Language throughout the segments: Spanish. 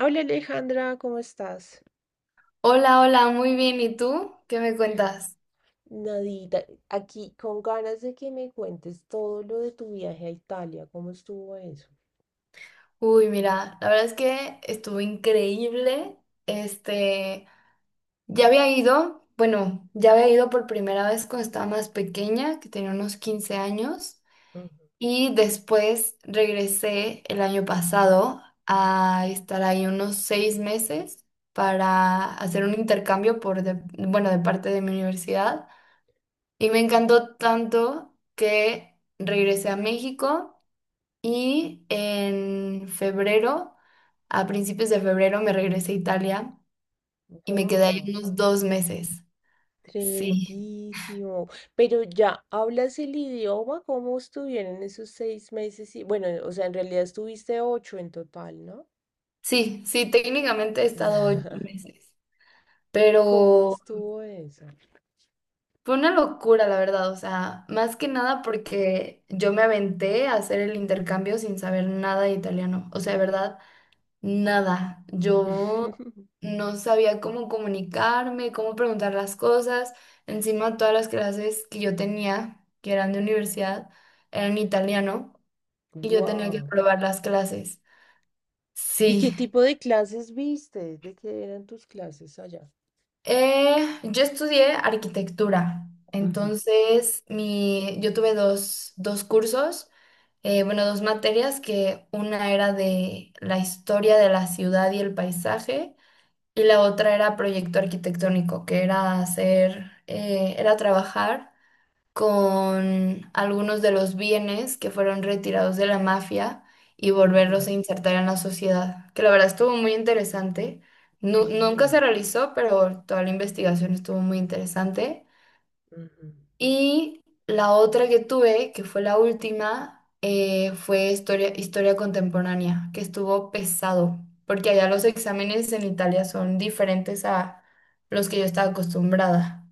Hola, Alejandra, ¿cómo estás? Hola, hola, muy bien. ¿Y tú? ¿Qué me cuentas? Nadita, aquí con ganas de que me cuentes todo lo de tu viaje a Italia. ¿Cómo estuvo eso? Uy, mira, la verdad es que estuvo increíble. Este, ya había ido por primera vez cuando estaba más pequeña, que tenía unos 15 años, y después regresé el año pasado a estar ahí unos 6 meses para hacer un intercambio bueno, de parte de mi universidad. Y me encantó tanto que regresé a México. Y en febrero, a principios de febrero, me regresé a Italia y me quedé ahí Wow, unos 2 meses. Sí, tremendísimo. Pero ya, ¿hablas el idioma? ¿Cómo estuvieron esos 6 meses? Y bueno, o sea, en realidad estuviste ocho en total, ¿no? sí, sí, técnicamente he estado ocho meses, ¿Cómo pero estuvo eso? fue una locura, la verdad. O sea, más que nada porque yo me aventé a hacer el intercambio sin saber nada de italiano. O sea, de verdad, nada, yo no sabía cómo comunicarme, cómo preguntar las cosas. Encima, todas las clases que yo tenía, que eran de universidad, eran italiano y yo tenía que Wow. probar las clases. ¿Y Sí, qué tipo de clases viste? ¿De qué eran tus clases allá? eh, yo estudié arquitectura, Ujú, entonces yo tuve dos cursos, bueno, dos materias, que una era de la historia de la ciudad y el paisaje, y la otra era proyecto arquitectónico, que era hacer, era trabajar con algunos de los bienes que fueron retirados de la mafia y ujú. volverlos a insertar en la sociedad, que la verdad estuvo muy interesante. Nunca se Vi, realizó, pero toda la investigación estuvo muy interesante. ujú. Y la otra que tuve, que fue la última, fue historia contemporánea, que estuvo pesado, porque allá los exámenes en Italia son diferentes a los que yo estaba acostumbrada.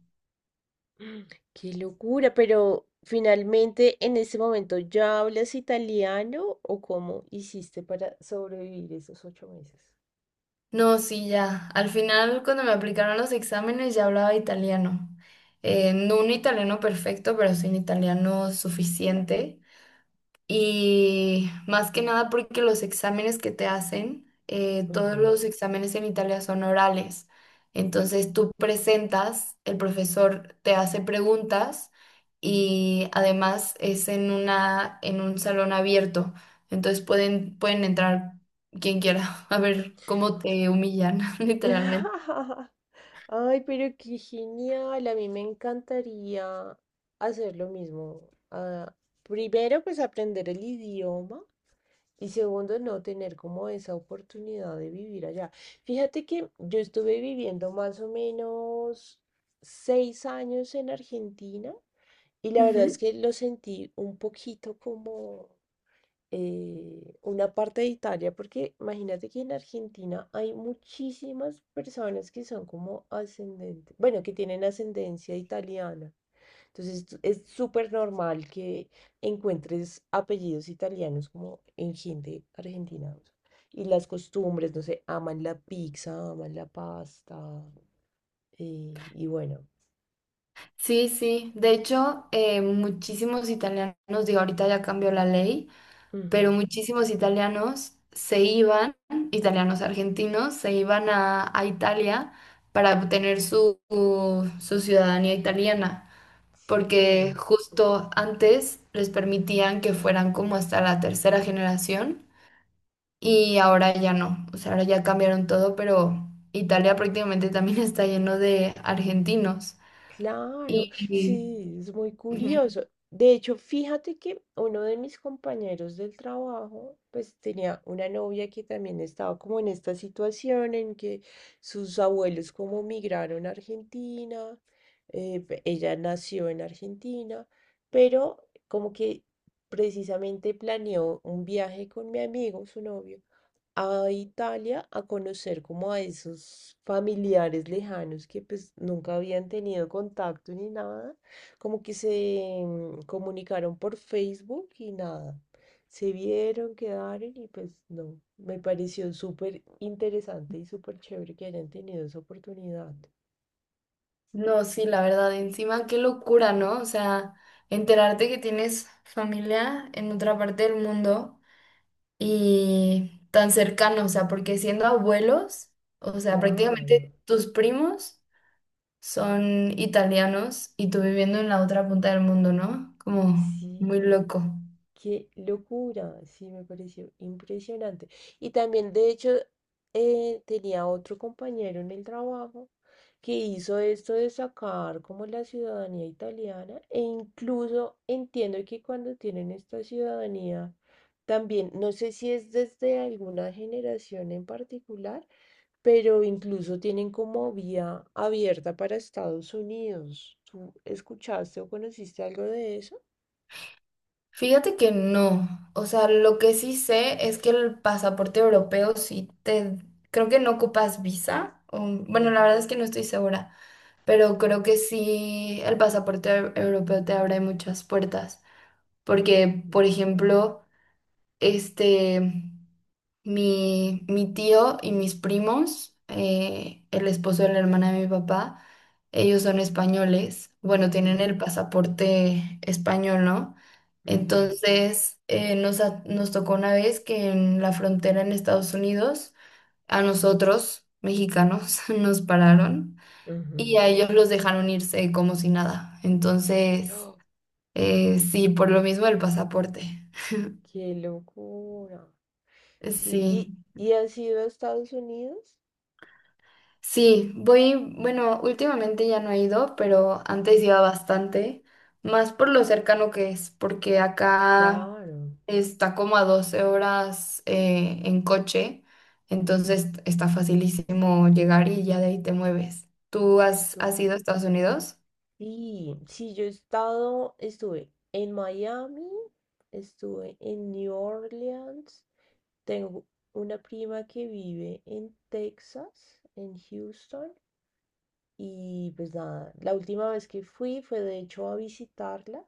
Qué locura, pero finalmente en ese momento, ¿ya hablas italiano o cómo hiciste para sobrevivir esos 8 meses? No, sí, ya. Al final, cuando me aplicaron los exámenes, ya hablaba italiano. No un italiano perfecto, pero sí un italiano suficiente. Y más que nada porque los exámenes que te hacen, todos Ujú. los exámenes en Italia son orales. Entonces tú presentas, el profesor te hace preguntas y además es en una, en un salón abierto. Entonces pueden entrar quien quiera a ver cómo te humillan, literalmente. Ay, pero qué genial. A mí me encantaría hacer lo mismo. Ah, primero, pues aprender el idioma, y segundo, no tener como esa oportunidad de vivir allá. Fíjate que yo estuve viviendo más o menos 6 años en Argentina, y la verdad es Ujú. que lo sentí un poquito como una parte de Italia, porque imagínate que en Argentina hay muchísimas personas que son como ascendentes, bueno, que tienen ascendencia italiana. Es súper normal que encuentres apellidos italianos como en gente argentina. O sea, y las costumbres, no sé, aman la pizza, aman la pasta. Y bueno, Sí, sí. De hecho, muchísimos italianos, digo, ahorita ya cambió la ley, pero ujú, muchísimos italianos se iban, italianos argentinos, se iban a Italia para obtener su ciudadanía italiana, porque sí. justo antes les permitían que fueran como hasta la tercera generación y ahora ya no, o sea, ahora ya cambiaron todo, pero Italia prácticamente también está lleno de argentinos. Y, Claro, sí, es muy y- ujú. curioso. De hecho, fíjate que uno de mis compañeros del trabajo pues tenía una novia que también estaba como en esta situación en que sus abuelos como migraron a Argentina. Ella nació en Argentina, pero como que precisamente planeó un viaje con mi amigo, su novio, a Italia, a conocer como a esos familiares lejanos que pues nunca habían tenido contacto ni nada, como que se comunicaron por Facebook y nada, se vieron, quedaron, y pues no, me pareció súper interesante y súper chévere que hayan tenido esa oportunidad. No, sí, la verdad, encima qué locura, ¿no? O sea, enterarte que tienes familia en otra parte del mundo y tan cercano, o sea, porque siendo abuelos, o sea, Claro, prácticamente tus primos son italianos y tú viviendo en la otra punta del mundo, ¿no? Como muy sí. loco. Qué locura, sí, me pareció impresionante. Y también, de hecho, tenía otro compañero en el trabajo que hizo esto de sacar como la ciudadanía italiana, e incluso entiendo que cuando tienen esta ciudadanía también, no sé si es desde alguna generación en particular, pero incluso tienen como vía abierta para Estados Unidos. ¿Tú escuchaste o conociste algo de eso? Fíjate que no, o sea, lo que sí sé es que el pasaporte europeo sí te, creo que no ocupas visa, o, bueno, la Ujú, verdad es que no estoy segura, pero creo que sí el pasaporte europeo te abre muchas puertas, porque, por no. ejemplo, este, mi tío y mis primos, el esposo de la hermana de mi papá, ellos son españoles, bueno, Ujú. tienen el pasaporte español, ¿no? Ujú, Entonces, nos tocó una vez que en la frontera en Estados Unidos, a nosotros, mexicanos, nos pararon ujú. y a ellos los dejaron irse como si nada. Entonces, ¡Oh! Sí, por lo mismo el pasaporte. ¡Qué locura! Sí, ¿y, Sí, y has ido a Estados Unidos? sí, voy, bueno, últimamente ya no he ido, pero antes Mm. iba bastante, más por lo cercano que es, porque acá Claro, está como a 12 horas en coche, entonces está facilísimo llegar y ya de ahí te mueves. ¿Tú has, so- has ido a Estados Unidos? sí, sí, yo he estado, estuve en Miami, estuve en New Orleans, tengo una prima que vive en Texas, en Houston. Y pues nada, la última vez que fui fue de hecho a visitarla,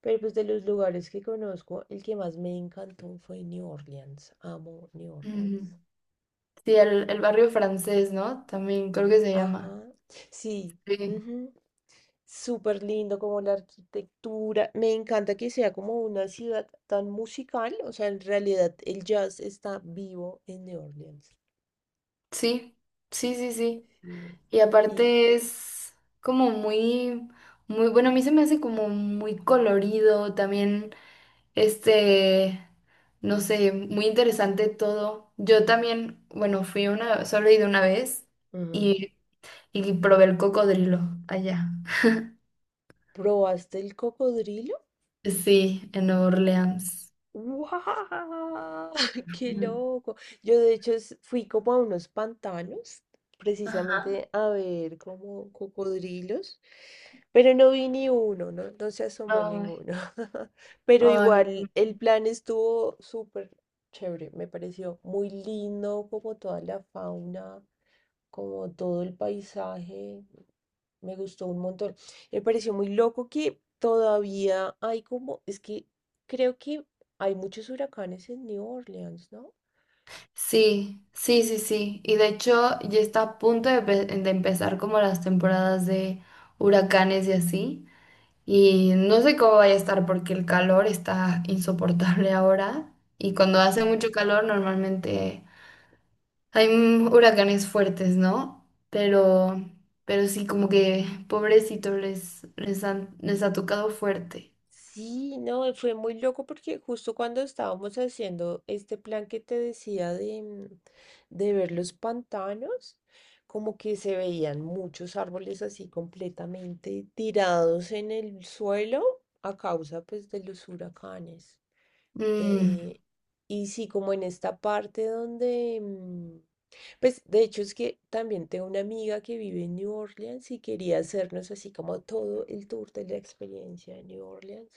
pero pues de los lugares que conozco, el que más me encantó fue New Orleans. Amo New Ujú. Orleans. Sí, el barrio francés, ¿no? También creo que se llama. Ajá, sí, Sí, ujú, súper lindo como la arquitectura. Me encanta que sea como una ciudad tan musical, o sea, en realidad el jazz está vivo en New Orleans. sí, sí, sí, sí. Sí. Y Y aparte es como muy, muy, bueno, a mí se me hace como muy colorido también, este, no sé, muy interesante todo. Yo también, bueno, fui una, solo he ido una vez ujú, y, y probé el cocodrilo allá. ¿probaste el cocodrilo? Sí, en Nueva Orleans. ¡Wow! ¡Qué Ujú. loco! Yo de hecho fui como a unos pantanos, Ajá. precisamente a ver como cocodrilos, pero no vi ni uno, no, no se asomó Ay, ninguno. Pero ay, no. igual el plan estuvo súper chévere, me pareció muy lindo como toda la fauna, como todo el paisaje. Me gustó un montón. Me pareció muy loco que todavía hay como, es que creo que hay muchos huracanes en New Orleans, ¿no? Sí, sí, sí, sí. Y de hecho ya está a punto de empezar como las temporadas de huracanes y así. Y no sé cómo vaya a estar porque el calor está insoportable ahora. Y cuando hace Claro. mucho calor normalmente hay huracanes fuertes, ¿no? Pero sí, como que pobrecito les ha tocado fuerte. Sí, no, fue muy loco porque justo cuando estábamos haciendo este plan que te decía de de ver los pantanos, como que se veían muchos árboles así completamente tirados en el suelo, a causa pues de los huracanes. Mm, Eh, y sí, como en esta parte donde pues de hecho es que también tengo una amiga que vive en New Orleans y quería hacernos así como todo el tour de la experiencia de New Orleans.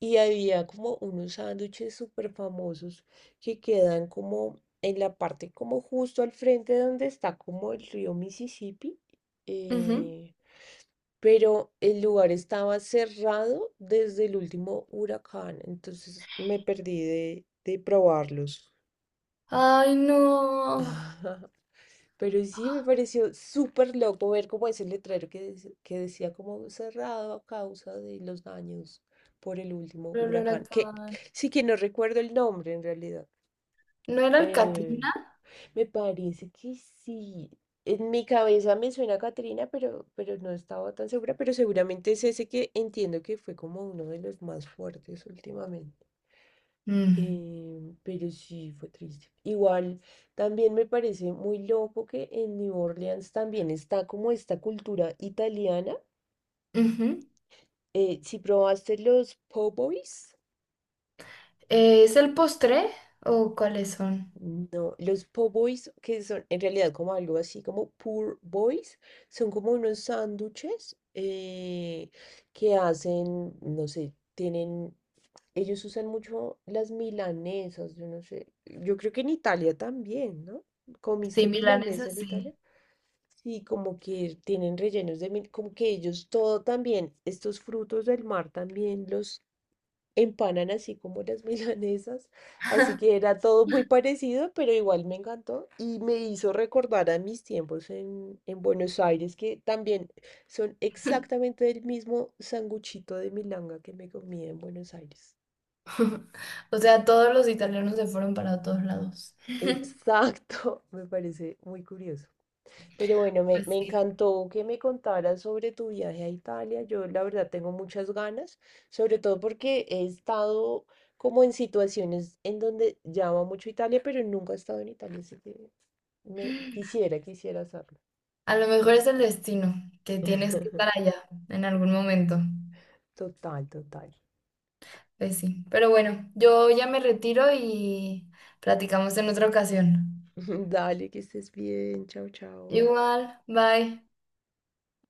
Y había como unos sándwiches súper famosos que quedan como en la parte como justo al frente donde está como el río Mississippi. ujú. eh, pero el lugar estaba cerrado desde el último huracán, entonces me perdí de probarlos. Ay, no. Pero sí me pareció súper loco ver como ese letrero que, que decía como cerrado a causa de los daños por el último Pero el huracán, que huracán. sí, que no recuerdo el nombre en realidad. ¿No era el Eh, Katrina? me parece que sí. En mi cabeza me suena a Catrina, pero no estaba tan segura, pero seguramente es ese que entiendo que fue como uno de los más fuertes últimamente. Mm. Pero sí, fue triste. Igual, también me parece muy loco que en New Orleans también está como esta cultura italiana. Ujú. Si probaste los po' boys. ¿Es el postre o cuáles son? No, los po' boys, que son en realidad como algo así como poor boys, son como unos sándwiches que hacen, no sé, tienen, ellos usan mucho las milanesas, yo no sé, yo creo que en Italia también, ¿no? Sí, ¿Comiste milanesa milanesas, en sí. Italia? Sí, como que tienen rellenos de mil, como que ellos todo también, estos frutos del mar también los empanan así como las milanesas, así que era todo muy parecido, pero igual me encantó y me hizo recordar a mis tiempos en Buenos Aires, que también son exactamente el mismo sanguchito de milanga que me comí en Buenos Aires. O sea, todos los italianos se fueron para todos lados. Exacto, me parece muy curioso. Pero bueno, me, Pues me sí. encantó que me contaras sobre tu viaje a Italia. Yo la verdad tengo muchas ganas, sobre todo porque he estado como en situaciones en donde llamo mucho Italia, pero nunca he estado en Italia, así que quisiera hacerlo. A lo mejor es el destino, que tienes que estar allá en algún momento. Total, total. Pues sí. Pero bueno, yo ya me retiro y platicamos en otra ocasión. Dale, que estés bien. Chao, chao. Igual, bye.